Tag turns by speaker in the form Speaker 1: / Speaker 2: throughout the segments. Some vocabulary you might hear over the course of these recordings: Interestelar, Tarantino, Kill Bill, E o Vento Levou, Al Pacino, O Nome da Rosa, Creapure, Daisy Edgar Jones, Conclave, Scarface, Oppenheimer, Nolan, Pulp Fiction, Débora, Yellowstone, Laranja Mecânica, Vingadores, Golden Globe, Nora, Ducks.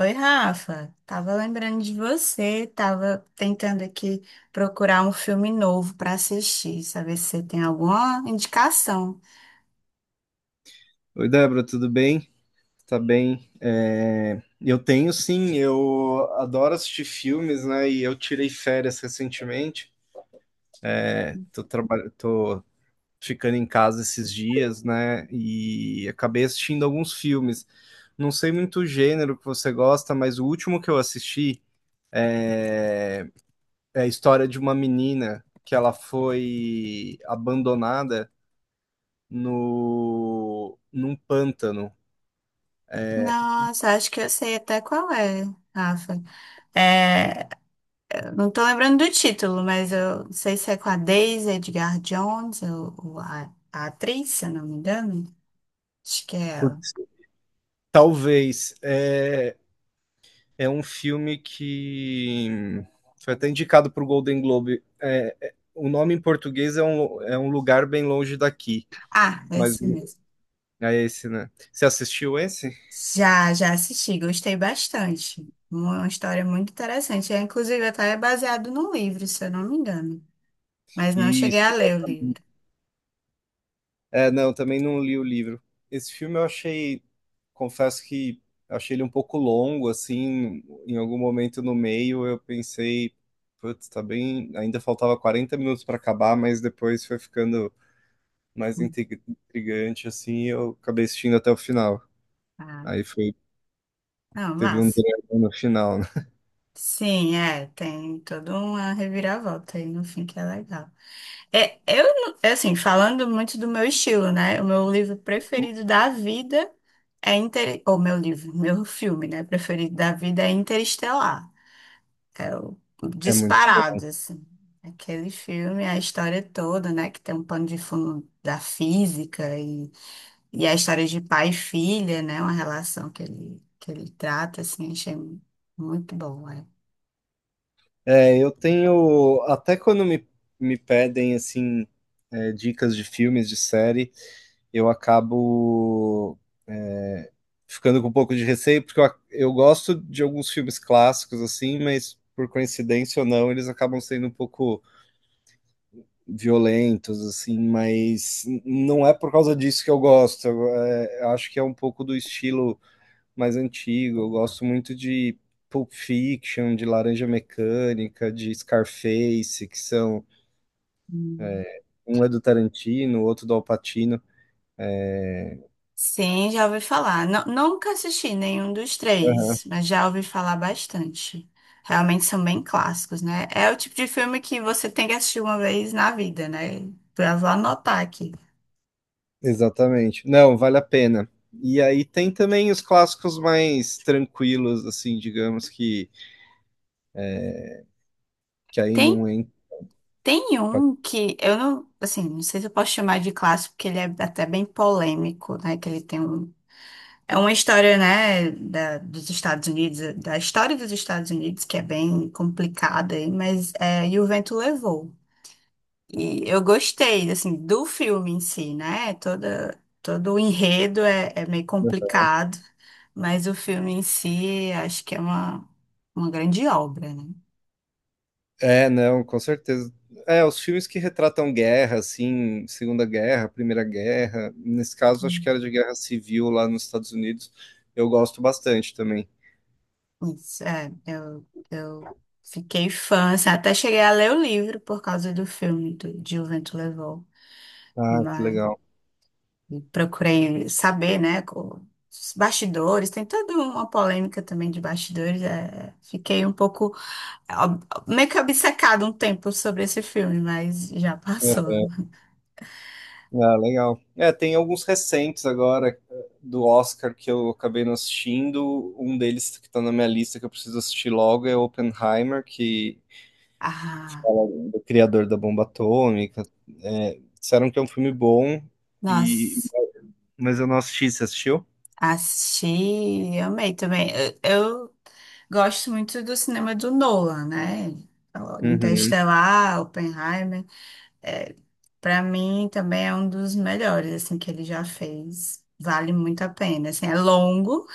Speaker 1: Oi, Rafa. Tava lembrando de você, tava tentando aqui procurar um filme novo para assistir, saber se você tem alguma indicação.
Speaker 2: Oi, Débora, tudo bem? Tá bem? Eu tenho sim, eu adoro assistir filmes, né? E eu tirei férias recentemente. Tô ficando em casa esses dias, né? E acabei assistindo alguns filmes. Não sei muito o gênero que você gosta, mas o último que eu assisti é, é a história de uma menina que ela foi abandonada no... num pântano.
Speaker 1: Nossa, acho que eu sei até qual é, Rafa. É, não tô lembrando do título, mas eu não sei se é com a Daisy Edgar Jones, ou a atriz, se eu não me engano. Acho que é ela.
Speaker 2: Putz, talvez. É um filme que foi até indicado para o Golden Globe. O nome em português é é um lugar bem longe daqui,
Speaker 1: Ah, é
Speaker 2: mas
Speaker 1: esse mesmo.
Speaker 2: é esse, né? Você assistiu esse?
Speaker 1: Já, já assisti, gostei bastante. Uma história muito interessante. É, inclusive, até é baseado num livro, se eu não me engano. Mas não cheguei a
Speaker 2: Isso.
Speaker 1: ler o livro.
Speaker 2: É, não, também não li o livro. Esse filme eu achei, confesso que achei ele um pouco longo, assim, em algum momento no meio eu pensei, putz, tá bem, ainda faltava 40 minutos para acabar, mas depois foi ficando mais intrigante, assim, e eu acabei assistindo até o final.
Speaker 1: Ah,
Speaker 2: Aí foi
Speaker 1: não,
Speaker 2: Teve um
Speaker 1: massa.
Speaker 2: drama no final, né.
Speaker 1: Sim, é, tem toda uma reviravolta aí no fim que é legal. É, eu, não- é assim, falando muito do meu estilo, né? O meu livro preferido da vida é Inter... Ou meu livro, meu filme, né? Preferido da vida é Interestelar. É o
Speaker 2: É muito bom.
Speaker 1: disparado, assim. Aquele filme, a história toda, né? Que tem um pano de fundo da física e a história de pai e filha, né? Uma relação que ele trata, assim, achei muito bom, é.
Speaker 2: É, eu tenho até quando me pedem, assim, dicas de filmes, de série, eu acabo, eh, ficando com um pouco de receio, porque eu gosto de alguns filmes clássicos, assim, mas por coincidência ou não, eles acabam sendo um pouco violentos, assim, mas n não é por causa disso que eu gosto, eu, acho que é um pouco do estilo mais antigo. Eu gosto muito de Pulp Fiction, de Laranja Mecânica, de Scarface, que são
Speaker 1: Hum.
Speaker 2: um é do Tarantino, o outro do Al Pacino. É,
Speaker 1: Sim, já ouvi falar. Nunca assisti nenhum dos
Speaker 2: aham,
Speaker 1: três, mas já ouvi falar bastante. Realmente são bem clássicos, né? É o tipo de filme que você tem que assistir uma vez na vida, né? Eu vou anotar aqui.
Speaker 2: exatamente. Não, vale a pena. E aí tem também os clássicos mais tranquilos, assim, digamos que aí
Speaker 1: Tem
Speaker 2: não entra.
Speaker 1: Tem um que eu não, assim, não sei se eu posso chamar de clássico, porque ele é até bem polêmico, né? Que ele tem um. É uma história, né, dos Estados Unidos, da história dos Estados Unidos, que é bem complicada, aí, mas é, E o Vento Levou. E eu gostei, assim, do filme em si, né? Todo o enredo é, é meio complicado, mas o filme em si acho que é uma grande obra, né?
Speaker 2: É, não, com certeza. É, os filmes que retratam guerra, assim, Segunda Guerra, Primeira Guerra, nesse caso acho que era de guerra civil lá nos Estados Unidos, eu gosto bastante também.
Speaker 1: Isso, é, eu fiquei fã, assim, até cheguei a ler o livro por causa do filme de O Vento Levou,
Speaker 2: Ah, que
Speaker 1: mas
Speaker 2: legal.
Speaker 1: procurei saber, né, os bastidores, tem toda uma polêmica também de bastidores, é, fiquei um pouco, meio que obcecada um tempo sobre esse filme, mas já
Speaker 2: É,
Speaker 1: passou.
Speaker 2: ah, legal. É, tem alguns recentes agora do Oscar que eu acabei não assistindo. Um deles que tá na minha lista que eu preciso assistir logo é Oppenheimer, que
Speaker 1: Ah,
Speaker 2: fala do criador da bomba atômica. É, disseram que é um filme bom, e...
Speaker 1: nossa,
Speaker 2: mas eu não assisti. Você assistiu?
Speaker 1: assisti, amei também, eu gosto muito do cinema do Nolan, né?
Speaker 2: Uhum.
Speaker 1: Interestelar, Oppenheimer. É, para mim também é um dos melhores assim que ele já fez. Vale muito a pena. Assim, é longo,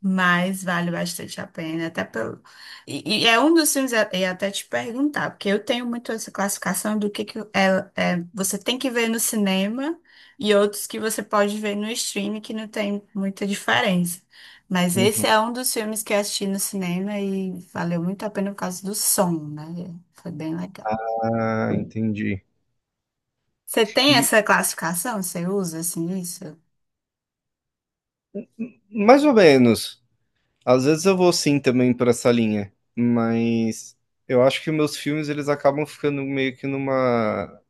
Speaker 1: mas vale bastante a pena, até pelo. E é um dos filmes, é, eu ia até te perguntar, porque eu tenho muito essa classificação do que, você tem que ver no cinema e outros que você pode ver no streaming, que não tem muita diferença. Mas esse
Speaker 2: Uhum.
Speaker 1: é um dos filmes que eu assisti no cinema e valeu muito a pena por causa do som, né? Foi bem legal.
Speaker 2: Ah, entendi.
Speaker 1: Você tem
Speaker 2: E
Speaker 1: essa classificação? Você usa assim isso?
Speaker 2: mais ou menos. Às vezes eu vou sim também por essa linha, mas eu acho que meus filmes eles acabam ficando meio que numa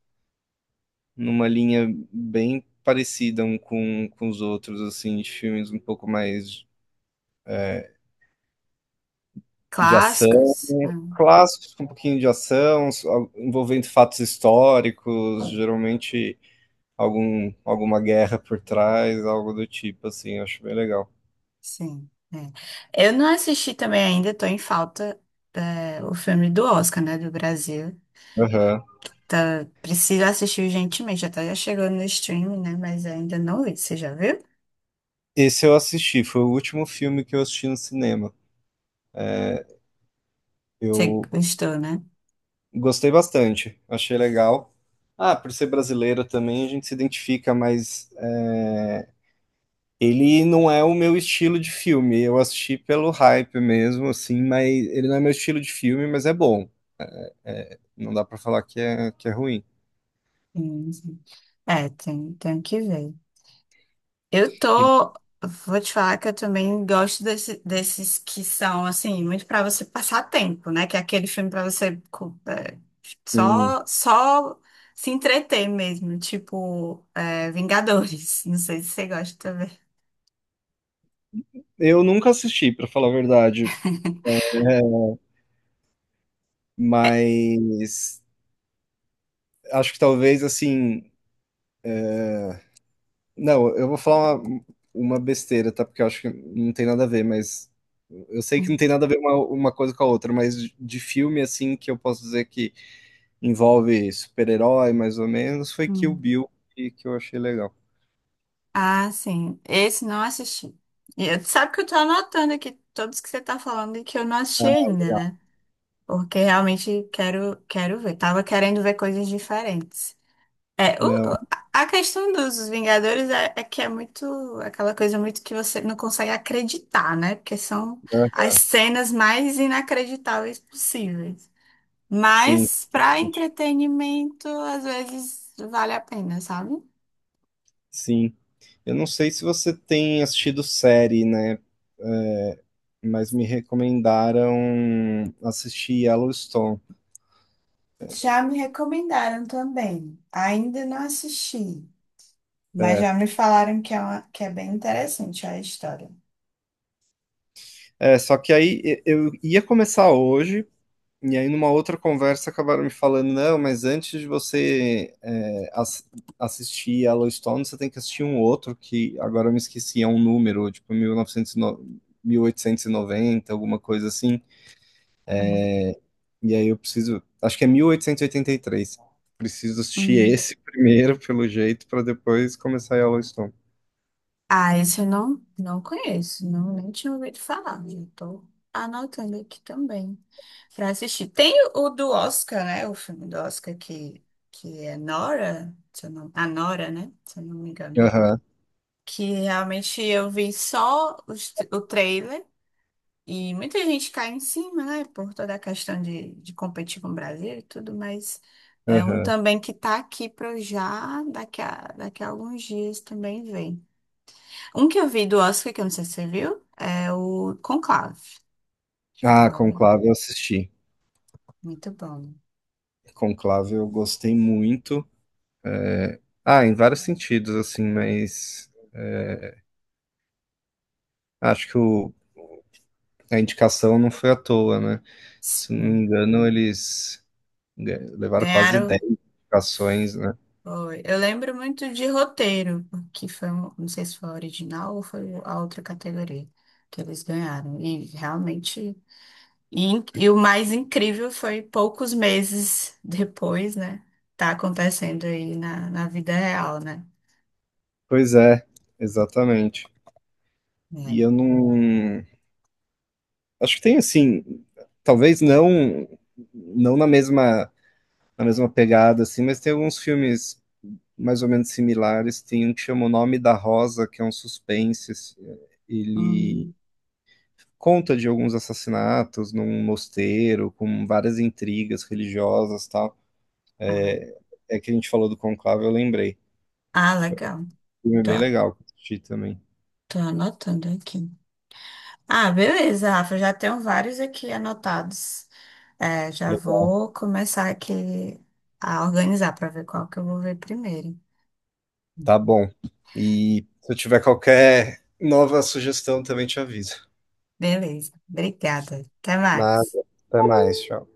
Speaker 2: numa linha bem parecida um com os outros, assim, de filmes um pouco mais é, de ação,
Speaker 1: Clássicos? Ah.
Speaker 2: clássicos com um pouquinho de ação, envolvendo fatos históricos, geralmente alguma guerra por trás, algo do tipo, assim, eu acho bem legal.
Speaker 1: Sim. É. Eu não assisti também ainda, tô em falta é, o filme do Oscar, né, do Brasil. Tá, preciso assistir urgentemente, já tá já chegando no streaming, né, mas ainda não vi. Você já viu?
Speaker 2: Esse eu assisti, foi o último filme que eu assisti no cinema. É,
Speaker 1: Você
Speaker 2: eu
Speaker 1: gostou, né?
Speaker 2: gostei bastante, achei legal. Ah, por ser brasileiro também a gente se identifica, mas ele não é o meu estilo de filme. Eu assisti pelo hype mesmo, assim, mas ele não é meu estilo de filme, mas é bom. É, não dá pra falar que é ruim.
Speaker 1: Sim, sim. É, tem, tenho que ver. Eu
Speaker 2: E,
Speaker 1: tô. Vou te falar que eu também gosto desses que são, assim, muito pra você passar tempo, né? Que é aquele filme pra você é,
Speaker 2: sim,
Speaker 1: só, só se entreter mesmo, tipo é, Vingadores. Não sei se você gosta também.
Speaker 2: eu nunca assisti, pra falar a verdade. É, mas acho que talvez assim não, eu vou falar uma besteira, tá? Porque eu acho que não tem nada a ver, mas eu sei que não
Speaker 1: Hum,
Speaker 2: tem nada a ver uma coisa com a outra, mas de filme assim que eu posso dizer que envolve super-herói, mais ou menos, foi Kill
Speaker 1: hum.
Speaker 2: Bill que eu achei legal.
Speaker 1: Ah, sim. Esse não assisti. E eu, sabe que eu tô anotando aqui todos que você tá falando e que eu não
Speaker 2: Ah,
Speaker 1: assisti ainda,
Speaker 2: legal.
Speaker 1: né? Porque realmente quero, quero ver. Tava querendo ver coisas diferentes. É,
Speaker 2: Não,
Speaker 1: a questão dos Vingadores é que é muito aquela coisa muito que você não consegue acreditar, né? Porque são
Speaker 2: aham,
Speaker 1: as cenas mais inacreditáveis possíveis.
Speaker 2: sim,
Speaker 1: Mas para entretenimento, às vezes vale a pena, sabe?
Speaker 2: sim. Eu não sei se você tem assistido série, né? Ah, Mas me recomendaram assistir Yellowstone.
Speaker 1: Já me recomendaram também. Ainda não assisti, mas
Speaker 2: É,
Speaker 1: já me falaram que é, que é bem interessante a história.
Speaker 2: Só que aí eu ia começar hoje. E aí, numa outra conversa, acabaram me falando, não, mas antes de você assistir Yellowstone, você tem que assistir um outro, que agora eu me esqueci, é um número, tipo mil mil novecentos e no- 1890 alguma coisa assim.
Speaker 1: Hum.
Speaker 2: E aí eu preciso, acho que é mil oitocentos e oitenta e três. Preciso assistir
Speaker 1: Hum.
Speaker 2: esse primeiro, pelo jeito, para depois começar Yellowstone.
Speaker 1: Ah, esse eu não, não conheço, não, nem tinha ouvido falar. Já tô anotando aqui também para assistir. Tem o do Oscar, né? O filme do Oscar que é Nora, se eu não, a Nora, né? Se eu não me engano.
Speaker 2: Aham,
Speaker 1: Que realmente eu vi só os o trailer e muita gente cai em cima, né? Por toda a questão de competir com o Brasil e tudo, mas é um
Speaker 2: aham.
Speaker 1: também que tá aqui para já daqui daqui a alguns dias também ver. Um que eu vi do Oscar, que eu não sei se você viu, é o Conclave. Chegou
Speaker 2: Ah,
Speaker 1: a ver.
Speaker 2: Conclave eu assisti.
Speaker 1: Muito bom.
Speaker 2: Conclave eu gostei muito. É, Ah, em vários sentidos, assim, mas... é, acho que a indicação não foi à toa, né? Se não me
Speaker 1: Sim.
Speaker 2: engano, eles levaram quase
Speaker 1: Ganharam.
Speaker 2: 10 indicações, né?
Speaker 1: Foi. Eu lembro muito de roteiro, que foi, não sei se foi a original ou foi a outra categoria que eles ganharam. E realmente. E o mais incrível foi poucos meses depois, né? Tá acontecendo aí na vida real, né?
Speaker 2: Pois é, exatamente. E
Speaker 1: É.
Speaker 2: eu não. Acho que tem assim, talvez não não na mesma na mesma pegada assim, mas tem alguns filmes mais ou menos similares. Tem um que chama O Nome da Rosa, que é um suspense, assim. Ele
Speaker 1: Hum,
Speaker 2: conta de alguns assassinatos num mosteiro com várias intrigas religiosas, tal.
Speaker 1: ah,
Speaker 2: É que a gente falou do Conclave, eu lembrei.
Speaker 1: ah,
Speaker 2: Foi um
Speaker 1: legal.
Speaker 2: filme
Speaker 1: Tô,
Speaker 2: bem legal que eu assisti também.
Speaker 1: tô anotando aqui. Ah, beleza, Rafa. Já tenho vários aqui anotados. É, já
Speaker 2: Legal.
Speaker 1: vou começar aqui a organizar para ver qual que eu vou ver primeiro.
Speaker 2: Tá bom. E se eu tiver qualquer nova sugestão, também te aviso.
Speaker 1: Beleza, obrigada. Até
Speaker 2: Nada.
Speaker 1: mais.
Speaker 2: Até mais. Tchau.